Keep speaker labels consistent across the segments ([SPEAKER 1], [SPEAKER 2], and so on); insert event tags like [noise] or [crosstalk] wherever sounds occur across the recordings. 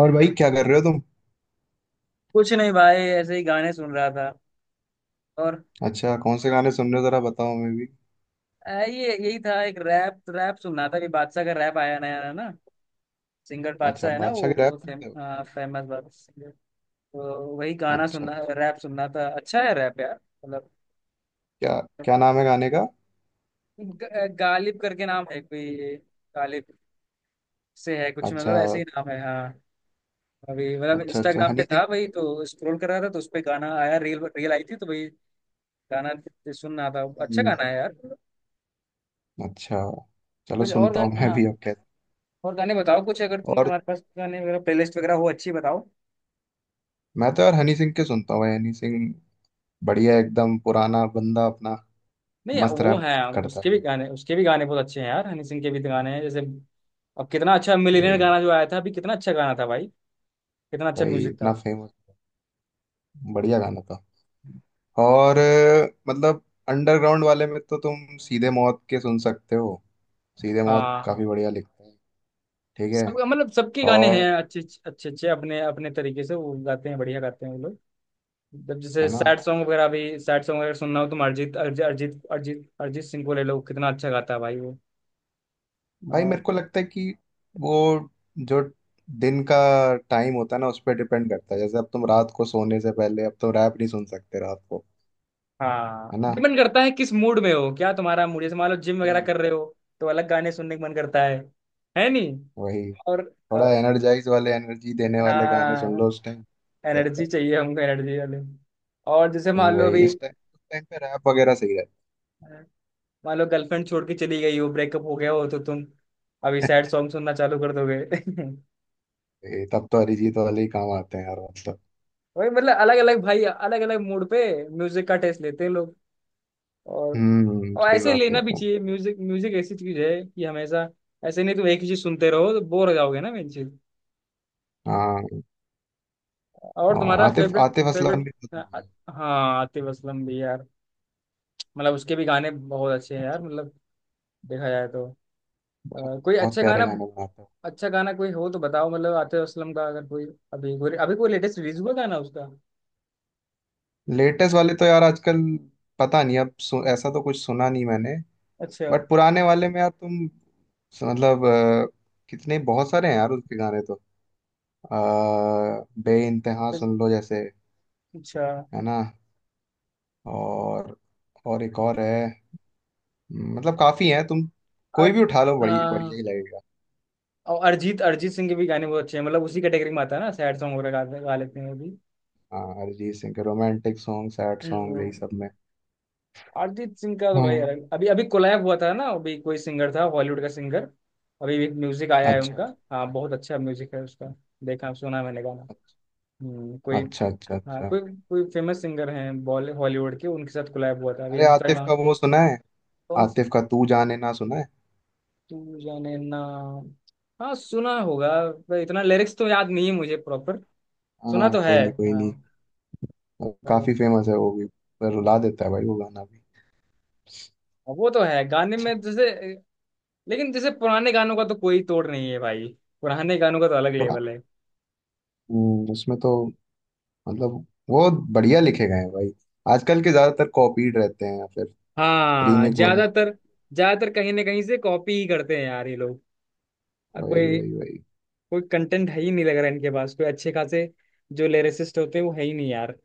[SPEAKER 1] और भाई क्या कर रहे हो तुम?
[SPEAKER 2] कुछ नहीं भाई, ऐसे ही गाने सुन रहा था और
[SPEAKER 1] अच्छा, कौन से गाने सुन रहे हो जरा बताओ, मैं भी।
[SPEAKER 2] ये यही था। एक रैप रैप सुन रहा था कि बादशाह का रैप आया नया है ना। सिंगर
[SPEAKER 1] अच्छा,
[SPEAKER 2] बादशाह है ना,
[SPEAKER 1] बादशाह
[SPEAKER 2] वो
[SPEAKER 1] गिराया
[SPEAKER 2] बहुत
[SPEAKER 1] सुनते हो?
[SPEAKER 2] फेमस बात सिंगर। तो वही गाना
[SPEAKER 1] अच्छा,
[SPEAKER 2] सुनना, रैप सुनना था। अच्छा है रैप यार, मतलब।
[SPEAKER 1] क्या क्या नाम है गाने का?
[SPEAKER 2] गालिब करके नाम है कोई, गालिब से है कुछ
[SPEAKER 1] अच्छा
[SPEAKER 2] मतलब, ऐसे ही नाम है, हाँ। अभी मतलब
[SPEAKER 1] अच्छा अच्छा,
[SPEAKER 2] इंस्टाग्राम
[SPEAKER 1] हनी
[SPEAKER 2] पे
[SPEAKER 1] सिंह
[SPEAKER 2] था भाई,
[SPEAKER 1] के-।
[SPEAKER 2] तो स्क्रॉल कर रहा था तो उस पे गाना आया, रील रील आई थी, तो भाई गाना सुन रहा था। अच्छा
[SPEAKER 1] हम्म।
[SPEAKER 2] गाना है यार।
[SPEAKER 1] अच्छा, चलो
[SPEAKER 2] कुछ और
[SPEAKER 1] सुनता हूँ
[SPEAKER 2] गाना।
[SPEAKER 1] मैं
[SPEAKER 2] हाँ,
[SPEAKER 1] भी अब कहते।
[SPEAKER 2] और गाने बताओ कुछ, अगर
[SPEAKER 1] और
[SPEAKER 2] तुम्हारे पास गाने वगैरह, प्लेलिस्ट वगैरह हो अच्छी, बताओ।
[SPEAKER 1] मैं तो यार हनी सिंह के सुनता हूँ भाई, हनी सिंह। बढ़िया, एकदम पुराना बंदा अपना,
[SPEAKER 2] नहीं,
[SPEAKER 1] मस्त
[SPEAKER 2] वो
[SPEAKER 1] रैप
[SPEAKER 2] है,
[SPEAKER 1] करता है।
[SPEAKER 2] उसके भी गाने बहुत अच्छे हैं यार, हनी सिंह के भी गाने हैं। जैसे अब कितना अच्छा
[SPEAKER 1] वही
[SPEAKER 2] मिलियनेयर
[SPEAKER 1] वही
[SPEAKER 2] गाना जो आया था अभी, कितना अच्छा गाना था भाई, कितना अच्छा
[SPEAKER 1] वही,
[SPEAKER 2] म्यूजिक
[SPEAKER 1] इतना
[SPEAKER 2] था।
[SPEAKER 1] फेमस, बढ़िया गाना था। और मतलब अंडरग्राउंड वाले में तो तुम सीधे मौत के सुन सकते हो। सीधे मौत
[SPEAKER 2] हाँ हाँ।
[SPEAKER 1] काफी बढ़िया लिखते हैं। ठीक है।
[SPEAKER 2] सब मतलब सबके गाने हैं
[SPEAKER 1] और
[SPEAKER 2] अच्छे। अच्छे अच्छे अपने अपने तरीके से वो गाते हैं, बढ़िया गाते हैं वो लोग। जब जैसे
[SPEAKER 1] है ना।
[SPEAKER 2] सैड सॉन्ग वगैरह सुनना हो, तुम अरिजीत अरिजीत अरिजीत अरिजीत अरिजीत सिंह को ले लो, कितना अच्छा गाता है भाई वो।
[SPEAKER 1] भाई
[SPEAKER 2] हाँ।
[SPEAKER 1] मेरे को लगता है कि वो जो दिन का टाइम होता है ना उस पर डिपेंड करता है। जैसे अब तुम रात को सोने से पहले अब तुम रैप नहीं सुन सकते रात को,
[SPEAKER 2] हाँ,
[SPEAKER 1] है ना।
[SPEAKER 2] डिपेंड करता है किस मूड में हो, क्या तुम्हारा मूड। जैसे मान लो जिम वगैरह
[SPEAKER 1] हम्म,
[SPEAKER 2] कर रहे हो तो अलग गाने सुनने का मन करता है। है नहीं।
[SPEAKER 1] वही
[SPEAKER 2] और
[SPEAKER 1] थोड़ा
[SPEAKER 2] और-
[SPEAKER 1] एनर्जाइज वाले, एनर्जी देने वाले गाने सुन
[SPEAKER 2] हाँ,
[SPEAKER 1] लो उस टाइम, रहता
[SPEAKER 2] एनर्जी
[SPEAKER 1] है।
[SPEAKER 2] चाहिए, हमको एनर्जी वाले। और जैसे मान लो
[SPEAKER 1] वही,
[SPEAKER 2] अभी,
[SPEAKER 1] इस टाइम उस टाइम पे रैप वगैरह सही रहता
[SPEAKER 2] मान लो गर्लफ्रेंड छोड़ के चली गई हो, ब्रेकअप हो गया हो, तो तुम अभी
[SPEAKER 1] है।
[SPEAKER 2] सैड सॉन्ग सुनना चालू कर दोगे। [laughs]
[SPEAKER 1] [laughs] वही, तब तो अरिजीत वाले ही काम आते हैं यार मतलब।
[SPEAKER 2] वही मतलब, अलग अलग भाई, अलग अलग मूड पे म्यूजिक का टेस्ट लेते हैं लोग। और
[SPEAKER 1] हम्म,
[SPEAKER 2] और
[SPEAKER 1] सही
[SPEAKER 2] ऐसे
[SPEAKER 1] बात है
[SPEAKER 2] लेना भी
[SPEAKER 1] एकदम।
[SPEAKER 2] चाहिए म्यूजिक। म्यूजिक ऐसी चीज है कि हमेशा ऐसे नहीं, तुम एक ही चीज सुनते रहो तो बोर हो जाओगे ना, मेन चीज।
[SPEAKER 1] हाँ,
[SPEAKER 2] और
[SPEAKER 1] और
[SPEAKER 2] तुम्हारा
[SPEAKER 1] आतिफ
[SPEAKER 2] फेवरेट
[SPEAKER 1] आतिफ असलम
[SPEAKER 2] फेवरेट।
[SPEAKER 1] भी।
[SPEAKER 2] हाँ, आतिफ असलम भी यार, मतलब उसके भी गाने बहुत अच्छे हैं यार,
[SPEAKER 1] बहुत
[SPEAKER 2] मतलब देखा जाए तो।
[SPEAKER 1] बहुत
[SPEAKER 2] कोई
[SPEAKER 1] बहुत
[SPEAKER 2] अच्छा
[SPEAKER 1] प्यारे
[SPEAKER 2] गाना,
[SPEAKER 1] गाने बनाता है।
[SPEAKER 2] अच्छा गाना कोई हो तो बताओ, मतलब आतिफ असलम का, अगर कोई अभी कोई अभी कोई लेटेस्ट रिलीज हुआ गाना उसका,
[SPEAKER 1] लेटेस्ट वाले तो यार आजकल पता नहीं, अब ऐसा तो कुछ सुना नहीं मैंने।
[SPEAKER 2] अच्छा।
[SPEAKER 1] बट पुराने वाले में यार तुम, मतलब कितने बहुत सारे हैं यार उसके गाने तो। बे इंतहा
[SPEAKER 2] बस-
[SPEAKER 1] सुन लो जैसे,
[SPEAKER 2] अच्छा।
[SPEAKER 1] है ना। और और एक और है, मतलब काफी है तुम, कोई भी
[SPEAKER 2] अर,
[SPEAKER 1] उठा लो बड़ी बढ़िया
[SPEAKER 2] हाँ।
[SPEAKER 1] ही लगेगा।
[SPEAKER 2] और अरिजीत अरिजीत सिंह के भी गाने बहुत अच्छे हैं, मतलब उसी कैटेगरी में आता है ना, सैड सॉन्ग वगैरह गा लेते हैं वो भी।
[SPEAKER 1] हाँ, अरिजीत सिंह के रोमांटिक सॉन्ग, सैड सॉन्ग
[SPEAKER 2] हम्म।
[SPEAKER 1] यही सब में।
[SPEAKER 2] अरिजीत सिंह का तो भाई
[SPEAKER 1] हम्म।
[SPEAKER 2] अलग, अभी अभी कोलैब हुआ था ना, अभी कोई सिंगर था हॉलीवुड का सिंगर। अभी एक म्यूजिक आया है
[SPEAKER 1] अच्छा
[SPEAKER 2] उनका। हाँ, बहुत अच्छा म्यूजिक है उसका। देखा, सुना है मैंने गाना।
[SPEAKER 1] अच्छा
[SPEAKER 2] कोई,
[SPEAKER 1] अच्छा। अच्छा
[SPEAKER 2] हाँ,
[SPEAKER 1] अच्छा।
[SPEAKER 2] कोई, कोई फेमस सिंगर हैं बॉल हॉलीवुड के, उनके साथ कोलैब हुआ था अभी
[SPEAKER 1] अरे, आतिफ
[SPEAKER 2] इंस्टाग्राम।
[SPEAKER 1] का वो सुना है?
[SPEAKER 2] कौन स-
[SPEAKER 1] आतिफ का तू जाने ना सुना है।
[SPEAKER 2] तू जाने ना। हाँ, सुना होगा, पर इतना लिरिक्स तो याद नहीं है मुझे प्रॉपर। सुना
[SPEAKER 1] हाँ,
[SPEAKER 2] तो है,
[SPEAKER 1] कोई नहीं कोई नहीं।
[SPEAKER 2] हाँ।
[SPEAKER 1] और
[SPEAKER 2] तो,
[SPEAKER 1] काफी फेमस है वो भी। पर रुला देता है भाई वो गाना भी।
[SPEAKER 2] हाँ, वो तो है गाने
[SPEAKER 1] अच्छा।
[SPEAKER 2] में जैसे। लेकिन जैसे पुराने गानों का तो कोई तोड़ नहीं है भाई, पुराने गानों का तो अलग लेवल
[SPEAKER 1] पुराना।
[SPEAKER 2] है।
[SPEAKER 1] उसमें तो मतलब वो बढ़िया लिखे गए हैं भाई। आजकल के ज्यादातर कॉपीड रहते हैं या फिर
[SPEAKER 2] हाँ,
[SPEAKER 1] रीमेक बना।
[SPEAKER 2] ज्यादातर, ज्यादातर कहीं ना कहीं से कॉपी ही करते हैं यार ये लोग।
[SPEAKER 1] वही
[SPEAKER 2] कोई
[SPEAKER 1] वही वही
[SPEAKER 2] कोई कंटेंट है ही नहीं लग रहा है इनके पास, कोई अच्छे खासे जो लिरिसिस्ट होते हैं वो है ही नहीं यार।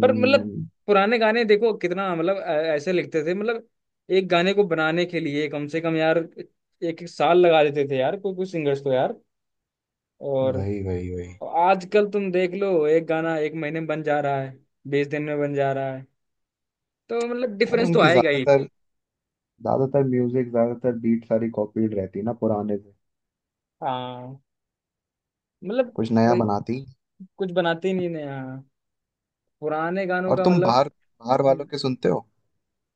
[SPEAKER 2] पर मतलब
[SPEAKER 1] हम्म,
[SPEAKER 2] पुराने गाने देखो कितना मतलब, ऐसे लिखते थे मतलब, एक गाने को बनाने के लिए कम से कम यार एक 1 साल लगा देते थे यार, कोई कोई सिंगर्स तो यार। और
[SPEAKER 1] वही।
[SPEAKER 2] आजकल तुम देख लो, एक गाना 1 महीने में बन जा रहा है, 20 दिन में बन जा रहा है, तो मतलब
[SPEAKER 1] अरे
[SPEAKER 2] डिफरेंस तो
[SPEAKER 1] उनके
[SPEAKER 2] आएगा ही।
[SPEAKER 1] ज्यादातर, ज्यादातर म्यूजिक, ज्यादातर बीट सारी कॉपीड रहती है ना पुराने से।
[SPEAKER 2] हाँ, मतलब
[SPEAKER 1] कुछ नया बनाती।
[SPEAKER 2] कुछ बनाते ही नहीं नया, पुराने गानों
[SPEAKER 1] और
[SPEAKER 2] का
[SPEAKER 1] तुम
[SPEAKER 2] मतलब।
[SPEAKER 1] बाहर, बाहर वालों
[SPEAKER 2] हम्म।
[SPEAKER 1] के सुनते हो?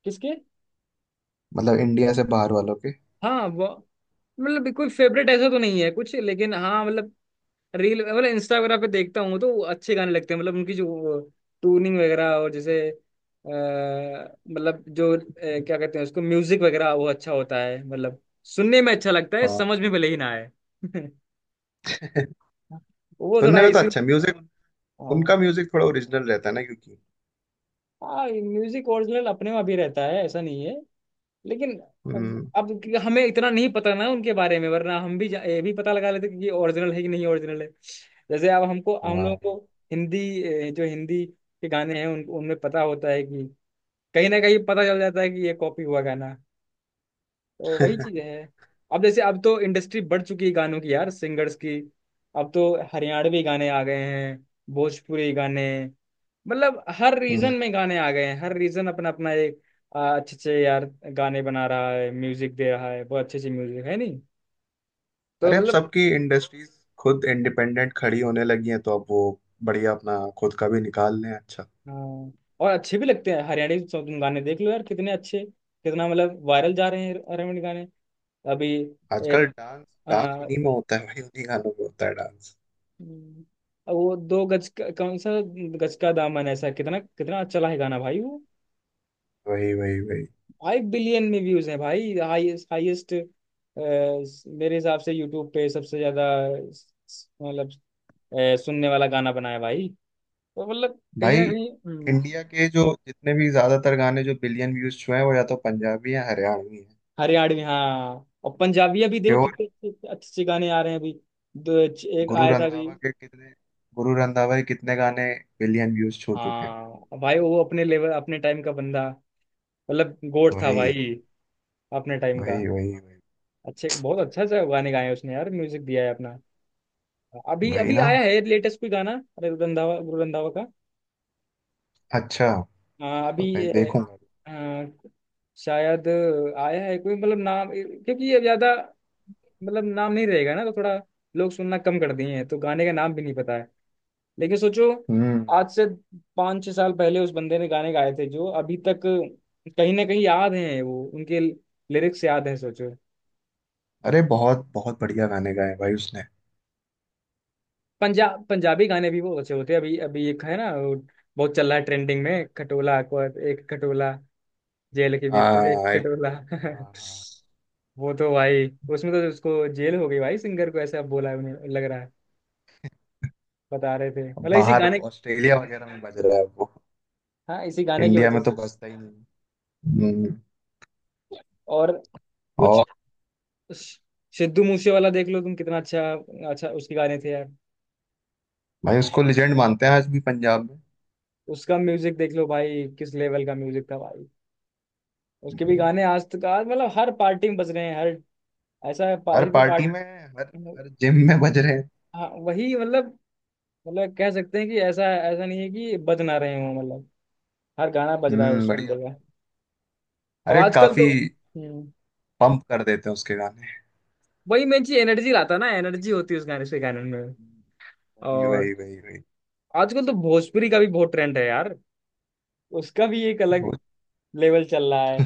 [SPEAKER 2] किसके?
[SPEAKER 1] मतलब इंडिया से बाहर वालों के।
[SPEAKER 2] हाँ वो, मतलब कोई फेवरेट ऐसा तो नहीं है कुछ, लेकिन हाँ, मतलब रील मतलब इंस्टा वगैरह पे देखता हूँ तो अच्छे गाने लगते हैं, मतलब उनकी जो ट्यूनिंग वगैरह, और जैसे मतलब जो क्या कहते हैं उसको, म्यूजिक वगैरह वो अच्छा होता है, मतलब सुनने में अच्छा लगता है,
[SPEAKER 1] हाँ।
[SPEAKER 2] समझ में भले ही ना आए। [laughs]
[SPEAKER 1] [laughs]
[SPEAKER 2] वो
[SPEAKER 1] सुनने
[SPEAKER 2] थोड़ा
[SPEAKER 1] में तो
[SPEAKER 2] इश्यू।
[SPEAKER 1] अच्छा म्यूजिक।
[SPEAKER 2] हाँ,
[SPEAKER 1] उनका म्यूजिक थोड़ा ओरिजिनल रहता है ना, क्योंकि।
[SPEAKER 2] म्यूजिक ओरिजिनल अपने में भी रहता है, ऐसा नहीं है लेकिन। अब
[SPEAKER 1] हम्म।
[SPEAKER 2] अब क्योंकि हमें इतना नहीं पता ना उनके बारे में, वरना हम भी ये भी पता लगा लेते कि ये ओरिजिनल है कि नहीं, ओरिजिनल है। जैसे अब हमको, हम लोगों
[SPEAKER 1] हाँ।
[SPEAKER 2] को हिंदी, जो हिंदी के गाने हैं उन उनमें पता होता है कि कहीं ना कहीं पता चल जाता है कि ये कॉपी हुआ गाना, तो वही चीजें
[SPEAKER 1] [laughs]
[SPEAKER 2] हैं। अब जैसे, अब तो इंडस्ट्री बढ़ चुकी है गानों की यार, सिंगर्स की। अब तो हरियाणवी गाने आ गए हैं, भोजपुरी गाने, मतलब हर रीजन
[SPEAKER 1] हम्म।
[SPEAKER 2] में गाने आ गए हैं, हर रीजन अपना अपना एक अच्छे अच्छे यार गाने बना रहा है, म्यूजिक दे रहा है, बहुत अच्छे अच्छे म्यूजिक है नहीं, तो
[SPEAKER 1] अरे अब
[SPEAKER 2] मतलब।
[SPEAKER 1] सबकी इंडस्ट्रीज खुद इंडिपेंडेंट खड़ी होने लगी हैं तो अब वो बढ़िया अपना खुद का भी निकाल लें। अच्छा।
[SPEAKER 2] हाँ, और अच्छे भी लगते हैं हरियाणवी सॉन्ग, तुम गाने देख लो यार कितने अच्छे, कितना मतलब वायरल जा रहे हैं हरियाणवी गाने अभी।
[SPEAKER 1] आजकल डांस, डांस उन्हीं में होता है भाई, उन्हीं गानों में होता है डांस।
[SPEAKER 2] हम्म। अब वो 2 गज का, कौन सा गज का दामन, ऐसा कितना कितना अच्छा है गाना भाई वो।
[SPEAKER 1] वही वही वही।
[SPEAKER 2] 5 बिलियन में व्यूज है भाई। हाईएस्ट हाईएस्ट, मेरे हिसाब से यूट्यूब पे सबसे ज्यादा मतलब सुनने वाला गाना बनाया भाई, तो मतलब कहीं
[SPEAKER 1] भाई
[SPEAKER 2] ना कहीं,
[SPEAKER 1] इंडिया के जो जितने भी ज्यादातर गाने जो बिलियन व्यूज छुए हैं वो या तो पंजाबी हैं, हरियाणवी हैं।
[SPEAKER 2] हरियाणवी हाँ। और पंजाबी अभी देखो
[SPEAKER 1] प्योर।
[SPEAKER 2] कितने अच्छे अच्छे गाने आ रहे हैं अभी। एक
[SPEAKER 1] गुरु
[SPEAKER 2] आया था अभी।
[SPEAKER 1] रंधावा के कितने, गुरु रंधावा के कितने गाने बिलियन व्यूज छू चुके हैं।
[SPEAKER 2] हाँ भाई, वो अपने लेवल, अपने टाइम का बंदा, मतलब गोट था
[SPEAKER 1] वही
[SPEAKER 2] भाई अपने टाइम का।
[SPEAKER 1] वही वही वही
[SPEAKER 2] अच्छे बहुत अच्छा सा गाने गाए हैं उसने यार, म्यूजिक दिया है अपना। अभी
[SPEAKER 1] वही
[SPEAKER 2] अभी
[SPEAKER 1] ना।
[SPEAKER 2] आया है लेटेस्ट कोई गाना। अरे रंधावा, गुरु रंधावा का।
[SPEAKER 1] अच्छा,
[SPEAKER 2] अभी
[SPEAKER 1] पता नहीं,
[SPEAKER 2] ये,
[SPEAKER 1] देखूंगा।
[SPEAKER 2] आ, शायद आया है कोई, मतलब नाम, क्योंकि ये ज्यादा मतलब नाम नहीं रहेगा ना तो थोड़ा लोग सुनना कम कर दिए हैं, तो गाने का नाम भी नहीं पता है। लेकिन सोचो,
[SPEAKER 1] हम्म।
[SPEAKER 2] आज से 5-6 साल पहले उस बंदे ने गाने गाए थे जो अभी तक कहीं ना कहीं याद हैं वो, उनके लिरिक्स याद हैं, सोचो।
[SPEAKER 1] अरे बहुत बहुत बढ़िया गाने गाए भाई उसने।
[SPEAKER 2] पंजाबी गाने भी बहुत अच्छे होते हैं। अभी अभी एक है ना वो, बहुत चल रहा है ट्रेंडिंग में, खटोला अकबर, एक खटोला जेल के भीतर एक खटोला।
[SPEAKER 1] हाँ, हाँ।
[SPEAKER 2] [laughs] वो तो भाई, उसमें तो उसको जेल हो गई भाई सिंगर को, ऐसा बोला है, उन्हें लग रहा है, बता रहे थे, मतलब इसी
[SPEAKER 1] बाहर
[SPEAKER 2] गाने।
[SPEAKER 1] ऑस्ट्रेलिया
[SPEAKER 2] हाँ,
[SPEAKER 1] वगैरह में बज रहा है वो।
[SPEAKER 2] हाँ, इसी गाने की
[SPEAKER 1] इंडिया
[SPEAKER 2] वजह
[SPEAKER 1] में तो
[SPEAKER 2] से।
[SPEAKER 1] बजता ही नहीं। हम्म,
[SPEAKER 2] और कुछ
[SPEAKER 1] और।
[SPEAKER 2] स- सिद्धू मूसे वाला देख लो तुम, कितना अच्छा, अच्छा उसके गाने थे यार।
[SPEAKER 1] भाई उसको लेजेंड मानते हैं आज भी पंजाब
[SPEAKER 2] उसका म्यूजिक देख लो भाई, किस लेवल का म्यूजिक था भाई। उसके भी
[SPEAKER 1] में।
[SPEAKER 2] गाने आज तक, आज मतलब हर पार्टी में बज रहे हैं, हर ऐसा
[SPEAKER 1] हर
[SPEAKER 2] पार्टी,
[SPEAKER 1] पार्टी में,
[SPEAKER 2] मतलब,
[SPEAKER 1] हर, हर जिम में बज रहे हैं।
[SPEAKER 2] हाँ वही मतलब, मतलब कह सकते हैं कि ऐसा, ऐसा नहीं है कि बज ना रहे हों, मतलब हर गाना बज रहा है,
[SPEAKER 1] हम्म,
[SPEAKER 2] उसको सुन
[SPEAKER 1] बढ़िया।
[SPEAKER 2] रहे हैं। और
[SPEAKER 1] अरे
[SPEAKER 2] आजकल
[SPEAKER 1] काफी
[SPEAKER 2] तो, हम्म,
[SPEAKER 1] पंप कर देते हैं उसके गाने।
[SPEAKER 2] वही मेन चीज, एनर्जी लाता है ना, एनर्जी होती है उस गाने से, गाने में।
[SPEAKER 1] वही
[SPEAKER 2] और
[SPEAKER 1] वही वही वही
[SPEAKER 2] आजकल तो भोजपुरी का भी बहुत ट्रेंड है यार, उसका भी एक अलग
[SPEAKER 1] वो
[SPEAKER 2] लेवल चल रहा है,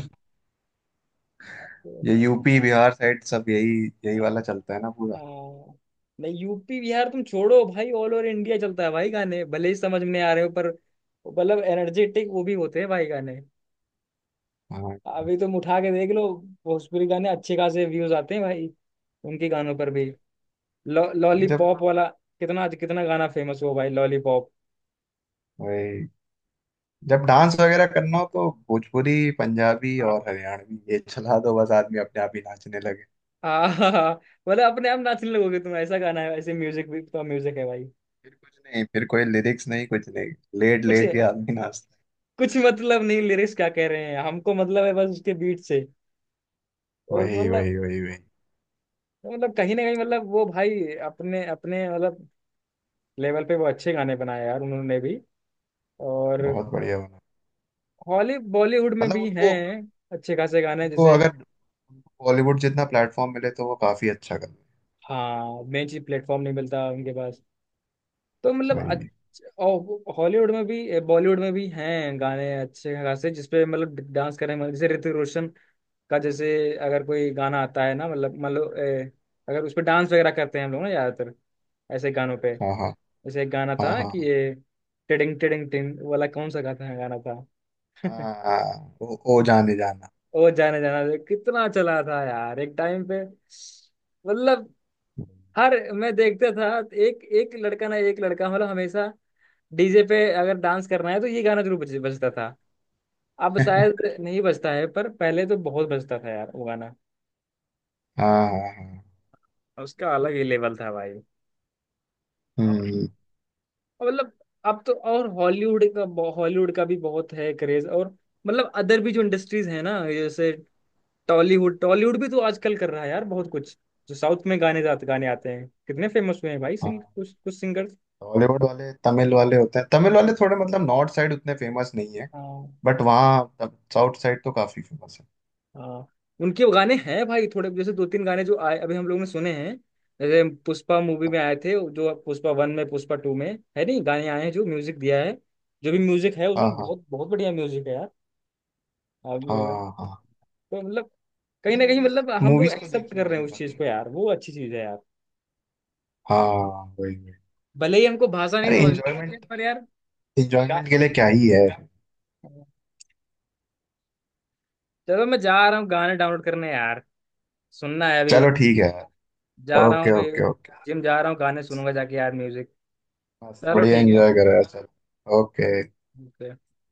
[SPEAKER 2] तो।
[SPEAKER 1] ये यूपी बिहार साइड सब यही, यही वाला चलता है ना पूरा।
[SPEAKER 2] हाँ नहीं, यूपी बिहार तुम छोड़ो भाई, ऑल ओवर इंडिया चलता है भाई, गाने भले ही समझ में आ रहे हो पर, मतलब एनर्जेटिक वो भी होते हैं भाई गाने।
[SPEAKER 1] हाँ।
[SPEAKER 2] अभी तुम उठा के देख लो, भोजपुरी गाने अच्छे खासे व्यूज आते हैं भाई उनके गानों पर भी। लॉ
[SPEAKER 1] जब,
[SPEAKER 2] लॉलीपॉप वाला कितना, कितना गाना फेमस हुआ भाई लॉलीपॉप।
[SPEAKER 1] वही, जब डांस वगैरह करना हो तो भोजपुरी, पंजाबी और
[SPEAKER 2] हाँ।
[SPEAKER 1] हरियाणवी ये चला दो बस, आदमी अपने आप ही नाचने लगे।
[SPEAKER 2] [laughs] आहा, मतलब अपने आप नाचने लगोगे तुम, ऐसा गाना है, ऐसे म्यूजिक भी तो म्यूजिक है भाई।
[SPEAKER 1] फिर कुछ नहीं, फिर कोई लिरिक्स नहीं कुछ नहीं, लेट
[SPEAKER 2] कुछ
[SPEAKER 1] लेट के आदमी नाचता
[SPEAKER 2] कुछ मतलब नहीं लिरिक्स क्या कह रहे हैं, हमको मतलब है बस उसके बीट से।
[SPEAKER 1] है।
[SPEAKER 2] और
[SPEAKER 1] वही
[SPEAKER 2] मतलब,
[SPEAKER 1] वही वही वही
[SPEAKER 2] मतलब कहीं ना कहीं मतलब वो भाई, अपने अपने मतलब लेवल पे वो अच्छे गाने बनाए यार उन्होंने भी। और
[SPEAKER 1] बहुत बढ़िया बना।
[SPEAKER 2] हॉली बॉलीवुड में
[SPEAKER 1] मतलब
[SPEAKER 2] भी
[SPEAKER 1] उनको,
[SPEAKER 2] हैं अच्छे खासे गाने
[SPEAKER 1] उनको,
[SPEAKER 2] जैसे।
[SPEAKER 1] अगर उनको बॉलीवुड जितना प्लेटफॉर्म मिले तो वो काफी अच्छा कर रहे
[SPEAKER 2] हाँ, मेन चीज प्लेटफॉर्म नहीं मिलता उनके पास। तो मतलब
[SPEAKER 1] हैं। वही।
[SPEAKER 2] और हॉलीवुड में भी, बॉलीवुड में भी हैं गाने अच्छे खासे जिसपे मतलब डांस करें, मतलब जैसे ऋतिक रोशन का, जैसे अगर कोई गाना आता है ना, मतलब, मतलब अगर उस पर डांस वगैरह करते हैं हम लोग ना, ज्यादातर ऐसे गानों पे,
[SPEAKER 1] हाँ हाँ।
[SPEAKER 2] जैसे एक गाना
[SPEAKER 1] हाँ
[SPEAKER 2] था कि
[SPEAKER 1] हाँ।
[SPEAKER 2] ये टिडिंग टिडिंग टिंग वाला, कौन सा गाता है गाना था।
[SPEAKER 1] हाँ हाँ,
[SPEAKER 2] [laughs]
[SPEAKER 1] हाँ, ओ, ओ जाने जाना।
[SPEAKER 2] ओ जाने जाना कितना चला था यार एक टाइम पे, मतलब
[SPEAKER 1] [laughs]
[SPEAKER 2] हर, मैं देखता था, एक एक लड़का ना, एक लड़का मतलब हमेशा डीजे पे, अगर डांस करना है तो ये गाना जरूर बजता था। अब शायद नहीं बजता है पर पहले तो बहुत बजता था यार वो गाना,
[SPEAKER 1] हाँ हाँ हाँ।
[SPEAKER 2] उसका अलग ही लेवल था भाई। और-
[SPEAKER 1] हम्म।
[SPEAKER 2] मतलब अब तो, और हॉलीवुड का, हॉलीवुड का भी बहुत है क्रेज, और मतलब अदर भी जो इंडस्ट्रीज है ना, जैसे टॉलीवुड, टॉलीवुड भी तो आजकल कर रहा है यार बहुत कुछ। जो साउथ में गाने जाते, गाने आते हैं, कितने फेमस हुए हैं भाई, कुछ कुछ सिंगर्स।
[SPEAKER 1] बॉलीवुड वाले तमिल वाले होते हैं, तमिल वाले थोड़े मतलब नॉर्थ साइड उतने फेमस नहीं है।
[SPEAKER 2] हाँ
[SPEAKER 1] बट वहाँ साउथ साइड तो काफी फेमस है।
[SPEAKER 2] हाँ। उनके गाने हैं भाई थोड़े, जैसे दो तीन गाने जो आए अभी हम लोग ने सुने हैं, जैसे पुष्पा मूवी में आए थे, जो पुष्पा 1 में, पुष्पा 2 में है नहीं, गाने आए हैं जो म्यूजिक दिया है, जो भी म्यूजिक है
[SPEAKER 1] हाँ
[SPEAKER 2] उसमें
[SPEAKER 1] हाँ।
[SPEAKER 2] बहुत बहुत बढ़िया म्यूजिक है यार। अब
[SPEAKER 1] हाँ हाँ।
[SPEAKER 2] तो मतलब कहीं ना कहीं
[SPEAKER 1] मूवीज,
[SPEAKER 2] मतलब हम लोग
[SPEAKER 1] मूवीज तो
[SPEAKER 2] एक्सेप्ट
[SPEAKER 1] देखी है
[SPEAKER 2] कर रहे
[SPEAKER 1] मैंने
[SPEAKER 2] हैं उस चीज
[SPEAKER 1] काफी।
[SPEAKER 2] को यार, वो अच्छी चीज है यार,
[SPEAKER 1] हाँ, वही वही।
[SPEAKER 2] भले ही हमको भाषा नहीं
[SPEAKER 1] अरे
[SPEAKER 2] समझ में आती है
[SPEAKER 1] इंजॉयमेंट,
[SPEAKER 2] पर यार। गा-
[SPEAKER 1] इंजॉयमेंट के लिए क्या ही है।
[SPEAKER 2] चलो मैं जा रहा हूँ गाने डाउनलोड करने यार, सुनना है अभी।
[SPEAKER 1] चलो ठीक है।
[SPEAKER 2] जा रहा हूँ
[SPEAKER 1] ओके
[SPEAKER 2] अभी,
[SPEAKER 1] ओके ओके।
[SPEAKER 2] जिम जा रहा हूँ, गाने सुनूंगा जाके यार म्यूजिक।
[SPEAKER 1] बस
[SPEAKER 2] चलो
[SPEAKER 1] बढ़िया
[SPEAKER 2] ठीक है।
[SPEAKER 1] एंजॉय कर रहा है, चलो ओके।
[SPEAKER 2] Okay.